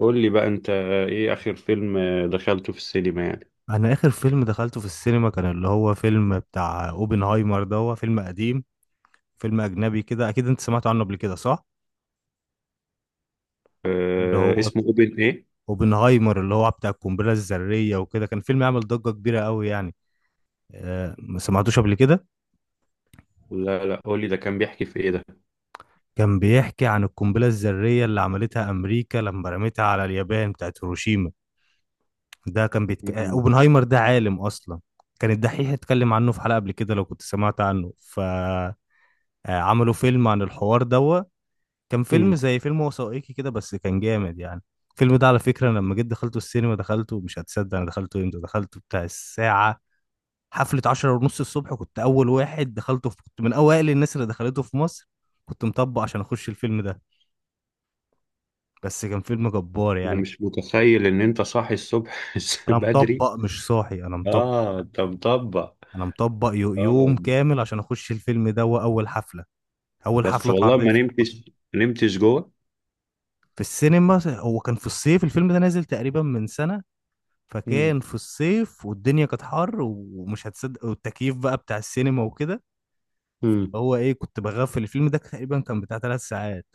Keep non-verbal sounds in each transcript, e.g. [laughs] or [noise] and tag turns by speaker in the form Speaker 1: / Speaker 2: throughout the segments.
Speaker 1: قول لي بقى انت، ايه اخر فيلم دخلته في السينما يعني؟
Speaker 2: انا اخر فيلم دخلته في السينما كان اللي هو فيلم بتاع اوبنهايمر. ده هو فيلم قديم، فيلم اجنبي كده. اكيد انت سمعت عنه قبل كده صح؟ اللي
Speaker 1: أه،
Speaker 2: هو
Speaker 1: اسمه اوبن ايه؟
Speaker 2: اوبنهايمر اللي هو بتاع القنبله الذريه وكده. كان فيلم عمل ضجه كبيره قوي يعني. ما سمعتوش قبل كده؟
Speaker 1: لا لا، قول لي ده كان بيحكي في ايه ده؟
Speaker 2: كان بيحكي عن القنبله الذريه اللي عملتها امريكا لما رمتها على اليابان بتاعت هيروشيما. ده كان بيتك... آه،
Speaker 1: مم.
Speaker 2: اوبنهايمر ده عالم اصلا. كان الدحيح اتكلم عنه في حلقه قبل كده لو كنت سمعت عنه. ف آه، عملوا فيلم عن الحوار ده. كان فيلم
Speaker 1: مم.
Speaker 2: زي فيلم وثائقي كده بس كان جامد يعني. الفيلم ده على فكرة أنا لما جيت دخلته السينما دخلته، مش هتصدق أنا دخلته امتى، دخلته بتاع الساعة، حفلة عشرة ونص الصبح. كنت أول واحد دخلته في... كنت من أوائل الناس اللي دخلته في مصر. كنت مطبق عشان أخش الفيلم ده. بس كان فيلم جبار
Speaker 1: انا
Speaker 2: يعني.
Speaker 1: مش متخيل ان انت صاحي الصبح [laughs]
Speaker 2: أنا
Speaker 1: بدري.
Speaker 2: مطبق مش صاحي، أنا مطبق.
Speaker 1: اه، انت مطبق.
Speaker 2: أنا مطبق
Speaker 1: اه،
Speaker 2: يوم كامل عشان أخش الفيلم ده وأول حفلة، أول
Speaker 1: بس
Speaker 2: حفلة
Speaker 1: والله
Speaker 2: اتعرضت
Speaker 1: ما
Speaker 2: فيه في
Speaker 1: نمتش
Speaker 2: مصر
Speaker 1: ما نمتش جوه.
Speaker 2: في السينما. هو كان في الصيف، الفيلم ده نازل تقريبا من سنة، فكان
Speaker 1: مم.
Speaker 2: في الصيف والدنيا كانت حر، ومش هتصدق والتكييف بقى بتاع السينما وكده،
Speaker 1: مم.
Speaker 2: هو ايه، كنت بغفل. الفيلم ده تقريبا كان بتاع ثلاث ساعات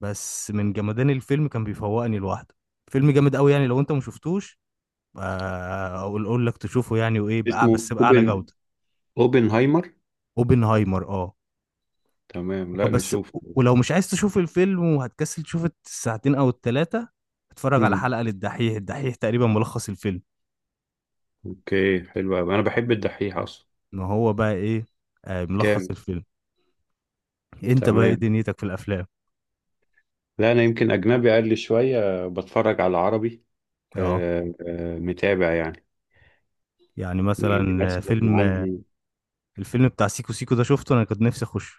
Speaker 2: بس من جمدان الفيلم كان بيفوقني لوحده. فيلم جامد قوي يعني، لو انت ما شفتوش، اقول لك تشوفه يعني، وايه بقى
Speaker 1: اسمه
Speaker 2: بس بأعلى
Speaker 1: اوبن
Speaker 2: جودة.
Speaker 1: اوبنهايمر
Speaker 2: اوبنهايمر، اه.
Speaker 1: تمام، لا
Speaker 2: بس
Speaker 1: نشوف.
Speaker 2: ولو مش عايز تشوف الفيلم وهتكسل تشوف الساعتين او الثلاثة، اتفرج على
Speaker 1: مم.
Speaker 2: حلقة للدحيح، الدحيح تقريبا ملخص الفيلم.
Speaker 1: اوكي، حلو قوي. انا بحب الدحيح اصلا.
Speaker 2: ان هو بقى ايه، ملخص
Speaker 1: كام؟
Speaker 2: الفيلم. انت بقى ايه
Speaker 1: تمام.
Speaker 2: دنيتك في الافلام؟
Speaker 1: لا، انا يمكن اجنبي اقل شويه، بتفرج على عربي.
Speaker 2: اه.
Speaker 1: متابع يعني.
Speaker 2: يعني
Speaker 1: يعني
Speaker 2: مثلا
Speaker 1: مثلا
Speaker 2: فيلم،
Speaker 1: عندي.
Speaker 2: الفيلم بتاع سيكو سيكو ده، شفته؟ انا كنت نفسي اخش،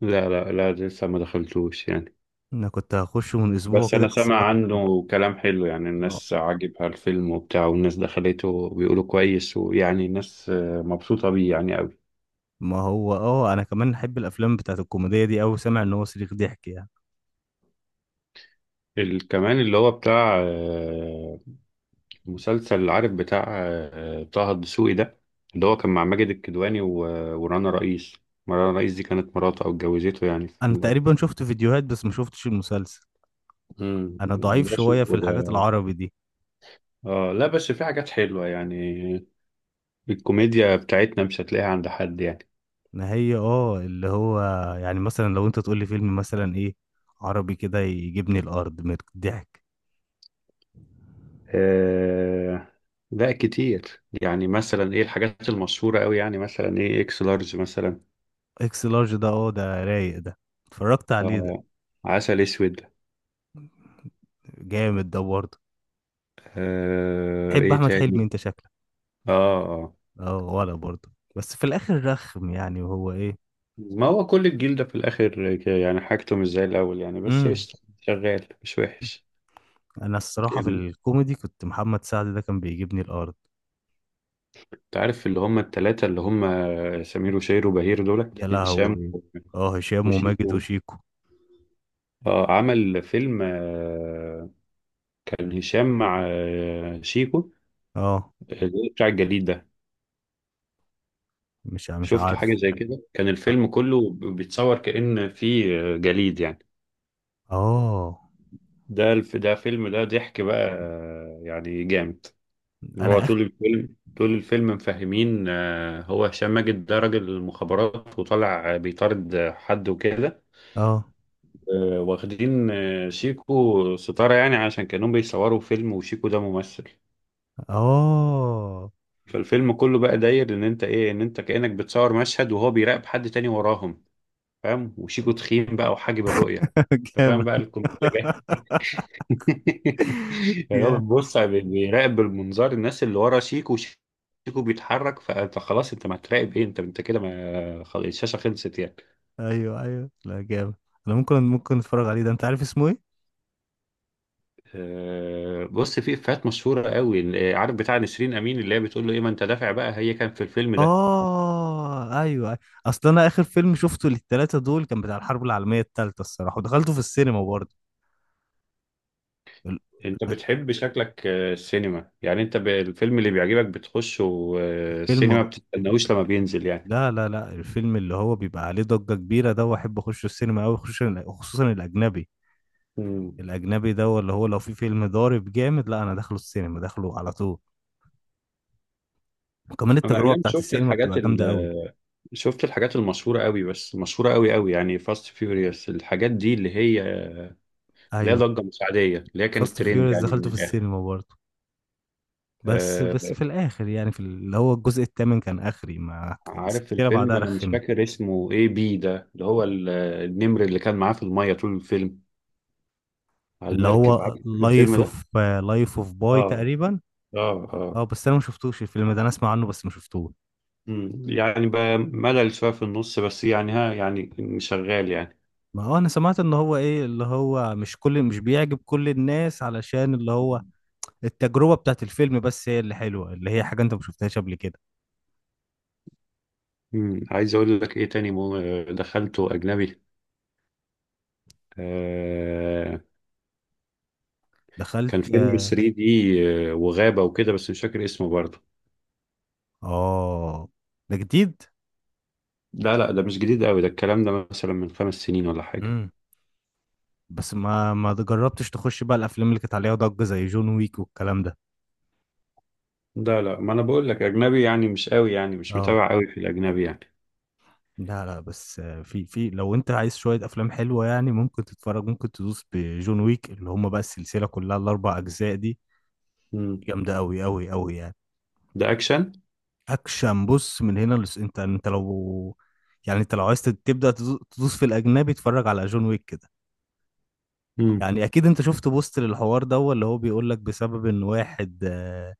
Speaker 1: لا لا لا، لسه ما دخلتوش يعني.
Speaker 2: انا كنت هخشه من اسبوع
Speaker 1: بس
Speaker 2: كده
Speaker 1: أنا
Speaker 2: بس
Speaker 1: سامع
Speaker 2: جالي.
Speaker 1: عنه كلام حلو، يعني الناس
Speaker 2: اه،
Speaker 1: عاجبها الفيلم وبتاع، والناس دخلته وبيقولوا كويس، ويعني الناس مبسوطة بيه يعني أوي.
Speaker 2: ما هو اه انا كمان احب الافلام بتاعت الكوميديا دي اوي، سامع ان هو صريخ ضحك يعني.
Speaker 1: كمان اللي هو بتاع مسلسل، عارف بتاع طه الدسوقي ده، اللي هو كان مع ماجد الكدواني ورانا رئيس. ما رانا رئيس دي كانت مراته أو اتجوزته، يعني في
Speaker 2: انا تقريبا شفت فيديوهات بس ما شفتش المسلسل.
Speaker 1: مم.
Speaker 2: انا ضعيف
Speaker 1: ده شيء.
Speaker 2: شويه في الحاجات العربي دي.
Speaker 1: اه. لا، بس في حاجات حلوة يعني. الكوميديا بتاعتنا مش هتلاقيها عند حد يعني.
Speaker 2: ما هي اه، اللي هو، يعني مثلا لو انت تقول لي فيلم مثلا ايه عربي كده يجيبني الارض من الضحك.
Speaker 1: آه لا، كتير. يعني مثلا ايه الحاجات المشهورة قوي، يعني مثلا ايه اكس لارج مثلا.
Speaker 2: اكس لارج، ده اه ده رايق ده، اتفرجت عليه ده.
Speaker 1: اه. عسل اسود.
Speaker 2: جامد ده برضه.
Speaker 1: آه،
Speaker 2: تحب
Speaker 1: ايه
Speaker 2: احمد حلمي
Speaker 1: تاني؟
Speaker 2: انت شكلك؟
Speaker 1: اه، اه.
Speaker 2: اه ولا برضه، بس في الاخر رخم يعني. وهو ايه،
Speaker 1: ما هو كل الجيل ده في الاخر يعني حاجته مش زي الاول يعني، بس
Speaker 2: امم
Speaker 1: قشطة شغال مش وحش.
Speaker 2: انا الصراحه في
Speaker 1: ال-
Speaker 2: الكوميدي كنت محمد سعد ده كان بيجيبني الارض.
Speaker 1: انت عارف اللي هم التلاتة اللي هم سمير وشير وبهير، دول
Speaker 2: يا
Speaker 1: هشام
Speaker 2: لهوي، اه، هشام وماجد
Speaker 1: وشيكو.
Speaker 2: وشيكو.
Speaker 1: اه، عمل فيلم. كان هشام مع شيكو،
Speaker 2: اه.
Speaker 1: بتاع الجليد ده.
Speaker 2: مش
Speaker 1: شفت
Speaker 2: عارف.
Speaker 1: حاجة زي كده، كان الفيلم كله بيتصور كأن في جليد يعني.
Speaker 2: اه.
Speaker 1: ده الف، ده فيلم، ده ضحك بقى، يعني جامد. هو
Speaker 2: انا اخ،
Speaker 1: طول الفيلم طول الفيلم مفهمين هو هشام ماجد ده راجل المخابرات، وطالع بيطارد حد وكده،
Speaker 2: اه،
Speaker 1: واخدين شيكو ستارة يعني، عشان كانوا بيصوروا فيلم، وشيكو ده ممثل.
Speaker 2: اه.
Speaker 1: فالفيلم كله بقى داير ان انت ايه، ان انت كأنك بتصور مشهد، وهو بيراقب حد تاني وراهم، فاهم؟ وشيكو تخين بقى وحاجب الرؤية.
Speaker 2: [laughs]
Speaker 1: انت فاهم
Speaker 2: جامد.
Speaker 1: بقى الكوميديا جاية.
Speaker 2: [laughs]
Speaker 1: [laughs] يعني هو
Speaker 2: جامد،
Speaker 1: بيبص بيراقب بالمنظار الناس اللي ورا شيكو، شيكو بيتحرك، فانت خلاص، انت ما هتراقب ايه، انت كده، ما خلاص الشاشة خلصت يعني.
Speaker 2: ايوه ايوه، لا جامد. انا ممكن اتفرج عليه ده، انت عارف اسمه ايه؟
Speaker 1: بص، في افيهات مشهورة قوي، عارف بتاع نسرين امين اللي هي بتقول له ايه ما انت دافع بقى، هي كان في الفيلم ده.
Speaker 2: اه، أيوه. اصل انا اخر فيلم شفته للتلاتة دول كان بتاع الحرب العالمية التالتة الصراحة، ودخلته في السينما برضه. ال-
Speaker 1: انت بتحب شكلك السينما يعني، انت الفيلم اللي بيعجبك بتخشه
Speaker 2: الفيلم
Speaker 1: السينما،
Speaker 2: آه،
Speaker 1: بتستناهوش لما بينزل يعني.
Speaker 2: لا لا لا، الفيلم اللي هو بيبقى عليه ضجة كبيرة ده، واحب اخش السينما قوي، خصوصا خصوصا الاجنبي.
Speaker 1: مم.
Speaker 2: الاجنبي ده اللي هو لو في فيلم ضارب جامد، لا انا داخله السينما، داخله على طول. وكمان
Speaker 1: انا
Speaker 2: التجربة
Speaker 1: ايام
Speaker 2: بتاعت
Speaker 1: شفت
Speaker 2: السينما
Speaker 1: الحاجات
Speaker 2: بتبقى جامدة قوي.
Speaker 1: شفت الحاجات المشهورة قوي، بس مشهورة قوي قوي، يعني فاست فيوريوس الحاجات دي، اللي هي اللي هي
Speaker 2: ايوه.
Speaker 1: ضجة مش عادية، اللي هي كانت
Speaker 2: فاست
Speaker 1: ترند
Speaker 2: فيوريوس
Speaker 1: يعني
Speaker 2: دخلته
Speaker 1: من
Speaker 2: في
Speaker 1: الآخر.
Speaker 2: السينما برضه. بس
Speaker 1: آه،
Speaker 2: بس في الاخر يعني في اللي هو الجزء الثامن كان اخري ما
Speaker 1: عارف
Speaker 2: السلسلة
Speaker 1: الفيلم،
Speaker 2: بعدها
Speaker 1: أنا مش
Speaker 2: رخمت.
Speaker 1: فاكر اسمه، إيه بي ده اللي هو النمر اللي كان معاه في المية طول الفيلم، على
Speaker 2: اللي
Speaker 1: المركب، عارف
Speaker 2: هو
Speaker 1: الفيلم
Speaker 2: لايف
Speaker 1: ده؟
Speaker 2: اوف، لايف اوف باي
Speaker 1: آه،
Speaker 2: تقريبا.
Speaker 1: آه، آه.
Speaker 2: اه بس انا ما شفتوش الفيلم ده، انا اسمع عنه بس ما شفتوش.
Speaker 1: مم. يعني بقى ملل شوية في النص، بس يعني ها يعني شغال يعني.
Speaker 2: ما اه انا سمعت ان هو ايه، اللي هو مش بيعجب كل الناس علشان اللي هو التجربة بتاعت الفيلم بس هي اللي حلوة، اللي هي حاجة انت ما شفتهاش قبل كده.
Speaker 1: مم. عايز أقول لك إيه تاني، دخلته أجنبي. آه
Speaker 2: دخلت،
Speaker 1: كان فيلم
Speaker 2: اه.
Speaker 1: 3D وغابة وكده، بس مش فاكر اسمه برضه.
Speaker 2: آه، ده جديد؟
Speaker 1: لا لا، ده مش جديد قوي، ده الكلام ده مثلا من 5 سنين ولا حاجة.
Speaker 2: امم بس ما جربتش تخش بقى الافلام اللي كانت عليها ضجة زي جون ويك والكلام ده؟
Speaker 1: لا لا، ما أنا بقول لك أجنبي، يعني مش قوي، يعني مش
Speaker 2: اه.
Speaker 1: متابع قوي في الأجنبي يعني.
Speaker 2: لا لا، بس في في، لو انت عايز شوية افلام حلوة يعني، ممكن تتفرج، ممكن تدوس بجون ويك، اللي هم بقى السلسلة كلها الاربع اجزاء دي
Speaker 1: مم.
Speaker 2: جامدة اوي اوي اوي يعني.
Speaker 1: ده أكشن.
Speaker 2: اكشن. بص، من هنا لس انت، انت لو، يعني انت لو عايز تبدأ تدوس في الاجنبي اتفرج على جون ويك كده.
Speaker 1: مم.
Speaker 2: يعني اكيد انت شفت بوست للحوار ده، هو اللي هو بيقول لك بسبب ان واحد،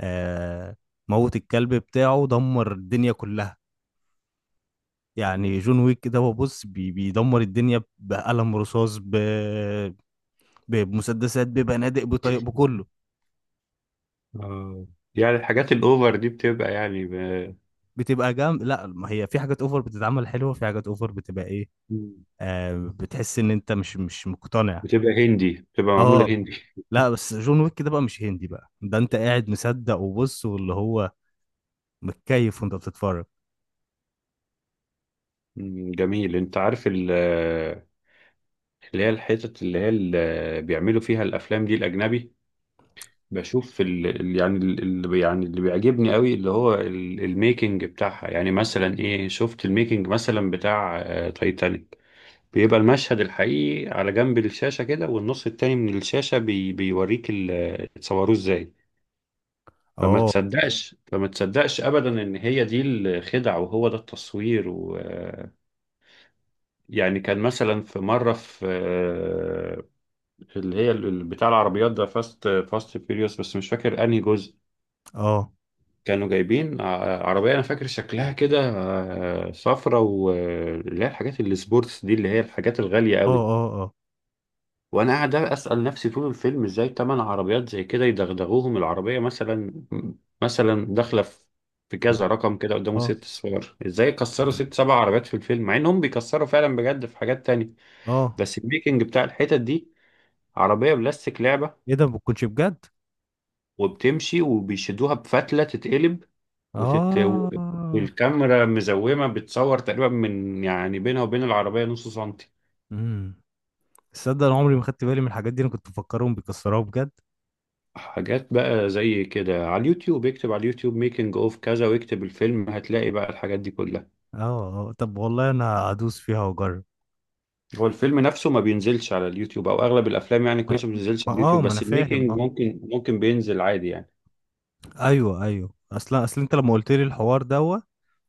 Speaker 2: آه موت الكلب بتاعه دمر الدنيا كلها. يعني جون ويك ده هو، بص، بيدمر الدنيا بقلم رصاص، بمسدسات، ببنادق، بطيق، بكله.
Speaker 1: آه. يعني الحاجات الأوفر دي بتبقى يعني
Speaker 2: بتبقى جام، لا ما هي في حاجات اوفر بتتعمل حلوه، في حاجات اوفر بتبقى ايه،
Speaker 1: مم.
Speaker 2: آه بتحس ان انت مش مقتنع.
Speaker 1: بتبقى هندي، بتبقى معمولة
Speaker 2: اه،
Speaker 1: هندي.
Speaker 2: لا بس جون ويك ده بقى مش هندي بقى ده، انت قاعد مصدق وبص واللي هو متكيف وانت بتتفرج.
Speaker 1: مم، جميل. انت عارف اللي هي الحتت اللي هي اللي بيعملوا فيها الافلام دي الاجنبي، بشوف يعني اللي يعني اللي بيعجبني قوي اللي هو الميكنج بتاعها، يعني مثلا ايه، شفت الميكنج مثلا بتاع تايتانيك؟ بيبقى المشهد الحقيقي على جنب الشاشة كده، والنص التاني من الشاشة بيوريك اتصوروه ازاي. فما
Speaker 2: اه.
Speaker 1: تصدقش فما تصدقش ابدا ان هي دي الخدع وهو ده التصوير و آه، يعني كان مثلا في مرة، في في اللي هي بتاع العربيات ده فاست فيريوس، بس مش فاكر انهي جزء،
Speaker 2: اه.
Speaker 1: كانوا جايبين عربية أنا فاكر شكلها كده صفرة، واللي هي الحاجات اللي سبورتس دي، اللي هي الحاجات الغالية
Speaker 2: اه.
Speaker 1: قوي.
Speaker 2: اه. اه.
Speaker 1: وأنا قاعد أسأل نفسي طول الفيلم، إزاي تمن عربيات زي كده يدغدغوهم العربية مثلا، مثلا داخلة في كذا رقم كده قدامه
Speaker 2: اه.
Speaker 1: ست صور، إزاي يكسروا ست سبع عربيات في الفيلم، مع إنهم بيكسروا فعلا بجد في حاجات تانية.
Speaker 2: اه.
Speaker 1: بس الميكنج بتاع الحتت دي، عربية بلاستيك لعبة،
Speaker 2: ايه ده، ما بتكونش بجد؟
Speaker 1: وبتمشي، وبيشدوها بفتلة تتقلب وتت...
Speaker 2: اه.
Speaker 1: والكاميرا مزومة بتصور تقريبا من يعني بينها وبين العربية نص سنتي.
Speaker 2: امم تصدق انا عمري ما خدت بالي من الحاجات دي، انا كنت مفكرهم بيكسروها بجد.
Speaker 1: حاجات بقى زي كده على اليوتيوب، اكتب على اليوتيوب ميكنج اوف كذا واكتب الفيلم، هتلاقي بقى الحاجات دي كلها.
Speaker 2: اه. اه طب والله انا هدوس فيها واجرب.
Speaker 1: هو الفيلم نفسه ما بينزلش على اليوتيوب، او اغلب الافلام يعني كويسة ما بتنزلش على اليوتيوب،
Speaker 2: ما انا
Speaker 1: بس
Speaker 2: فاهم.
Speaker 1: الميكنج ممكن بينزل عادي يعني.
Speaker 2: ايوه ايوه، اصلا اصل انت لما قلت لي الحوار دوت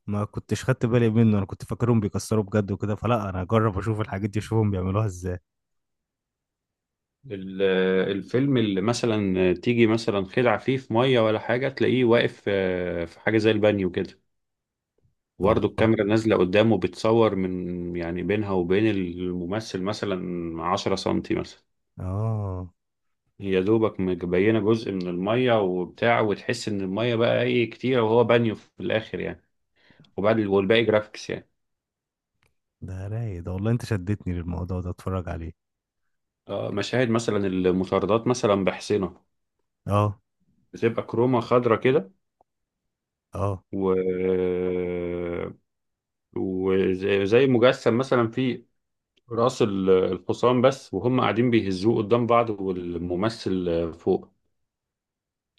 Speaker 2: ما كنتش خدت بالي منه، انا كنت فاكرهم بيكسروا بجد وكده، فلا انا هجرب اشوف الحاجات دي، اشوفهم بيعملوها ازاي.
Speaker 1: ال- الفيلم اللي مثلا تيجي مثلا خدعة فيه في مية ولا حاجة، تلاقيه واقف في حاجة زي البانيو كده، وبرضه
Speaker 2: والله.
Speaker 1: الكاميرا نازلة قدامه بتصور من يعني بينها وبين الممثل مثلا 10 سنتي مثلا،
Speaker 2: اه.
Speaker 1: هي دوبك مبينة جزء من المية وبتاع، وتحس إن المية بقى إيه كتير، وهو بانيو في الآخر يعني، والباقي جرافيكس يعني.
Speaker 2: ده رايق ده والله، انت شدتني للموضوع ده، اتفرج عليه.
Speaker 1: مشاهد مثلا المطاردات مثلا بحسنة،
Speaker 2: اه.
Speaker 1: بتبقى كرومة خضرة كده
Speaker 2: اه.
Speaker 1: و... وزي زي مجسم مثلا في رأس الحصان بس، وهم قاعدين بيهزوه قدام بعض والممثل فوق،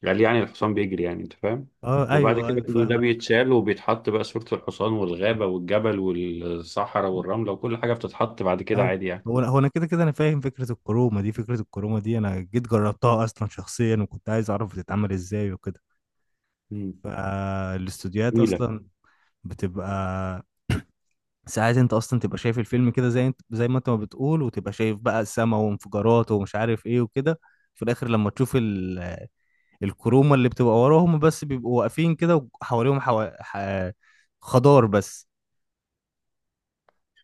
Speaker 1: قال يعني الحصان بيجري، يعني انت فاهم.
Speaker 2: اه.
Speaker 1: وبعد
Speaker 2: ايوه
Speaker 1: كده
Speaker 2: ايوه
Speaker 1: كل ده
Speaker 2: فاهم.
Speaker 1: بيتشال، وبيتحط بقى صورة الحصان والغابة والجبل والصحراء والرملة، وكل حاجة بتتحط بعد كده
Speaker 2: ايوه.
Speaker 1: عادي يعني.
Speaker 2: هو انا كده انا فاهم فكره الكرومه دي، فكره الكرومه دي انا جيت جربتها اصلا شخصيا وكنت عايز اعرف بتتعمل ازاي وكده.
Speaker 1: مم.
Speaker 2: فالاستوديوهات
Speaker 1: جميلة.
Speaker 2: اصلا بتبقى، ساعات انت اصلا تبقى شايف الفيلم كده زي انت زي ما انت ما بتقول، وتبقى شايف بقى السما وانفجارات ومش عارف ايه وكده، في الاخر لما تشوف ال... الكرومه اللي بتبقى وراهم بس بيبقوا واقفين كده وحواليهم حو... ح... خضار بس.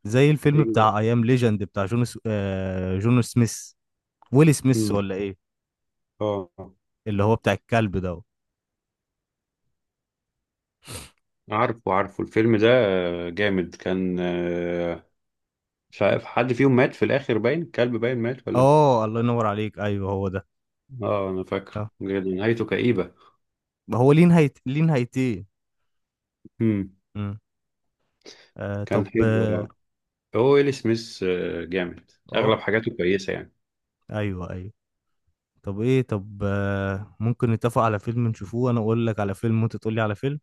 Speaker 2: زي الفيلم
Speaker 1: ايوه.
Speaker 2: بتاع ايام ليجند بتاع جون س... جون سميث، ويل سميث
Speaker 1: مم.
Speaker 2: ولا ايه؟
Speaker 1: اه.
Speaker 2: اللي هو بتاع الكلب ده.
Speaker 1: عارفه الفيلم ده، جامد كان. مش عارف حد فيهم مات في الآخر، باين كلب باين مات ولا.
Speaker 2: اه، الله ينور عليك، ايوه هو ده.
Speaker 1: اه، انا فاكره
Speaker 2: آه.
Speaker 1: بجد، نهايته كئيبة.
Speaker 2: هو ليه ليه نهايتين؟
Speaker 1: مم.
Speaker 2: مم. طب،
Speaker 1: كان حلو
Speaker 2: اه.
Speaker 1: آه. هو ويل سميث جامد، اغلب
Speaker 2: آه،
Speaker 1: حاجاته كويسه يعني.
Speaker 2: ايوه ايوه. طب ايه، طب ممكن نتفق على فيلم نشوفوه، انا اقول لك على فيلم وانت تقول لي على فيلم.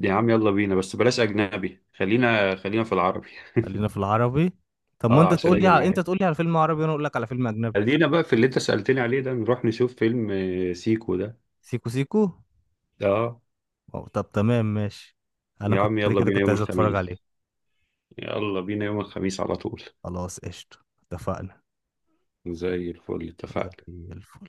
Speaker 1: يا عم، يلا بينا، بس بلاش اجنبي، خلينا في العربي.
Speaker 2: خلينا في العربي. طب
Speaker 1: [laughs]
Speaker 2: ما
Speaker 1: اه،
Speaker 2: انت
Speaker 1: عشان
Speaker 2: تقول لي
Speaker 1: اجي
Speaker 2: على، انت
Speaker 1: معاك.
Speaker 2: تقول لي على فيلم عربي وانا اقول لك على فيلم اجنبي.
Speaker 1: خلينا بقى في اللي انت سالتني عليه ده، نروح نشوف فيلم سيكو ده.
Speaker 2: سيكو سيكو.
Speaker 1: اه.
Speaker 2: أو طب تمام ماشي، انا
Speaker 1: يا
Speaker 2: كنت
Speaker 1: عم
Speaker 2: كده
Speaker 1: يلا
Speaker 2: كده
Speaker 1: بينا
Speaker 2: كنت
Speaker 1: يوم
Speaker 2: عايز اتفرج
Speaker 1: الخميس،
Speaker 2: عليه.
Speaker 1: يلا بينا يوم الخميس على طول.
Speaker 2: خلاص قشطة، اتفقنا.
Speaker 1: زي الفل،
Speaker 2: زي
Speaker 1: اتفقنا.
Speaker 2: الفل.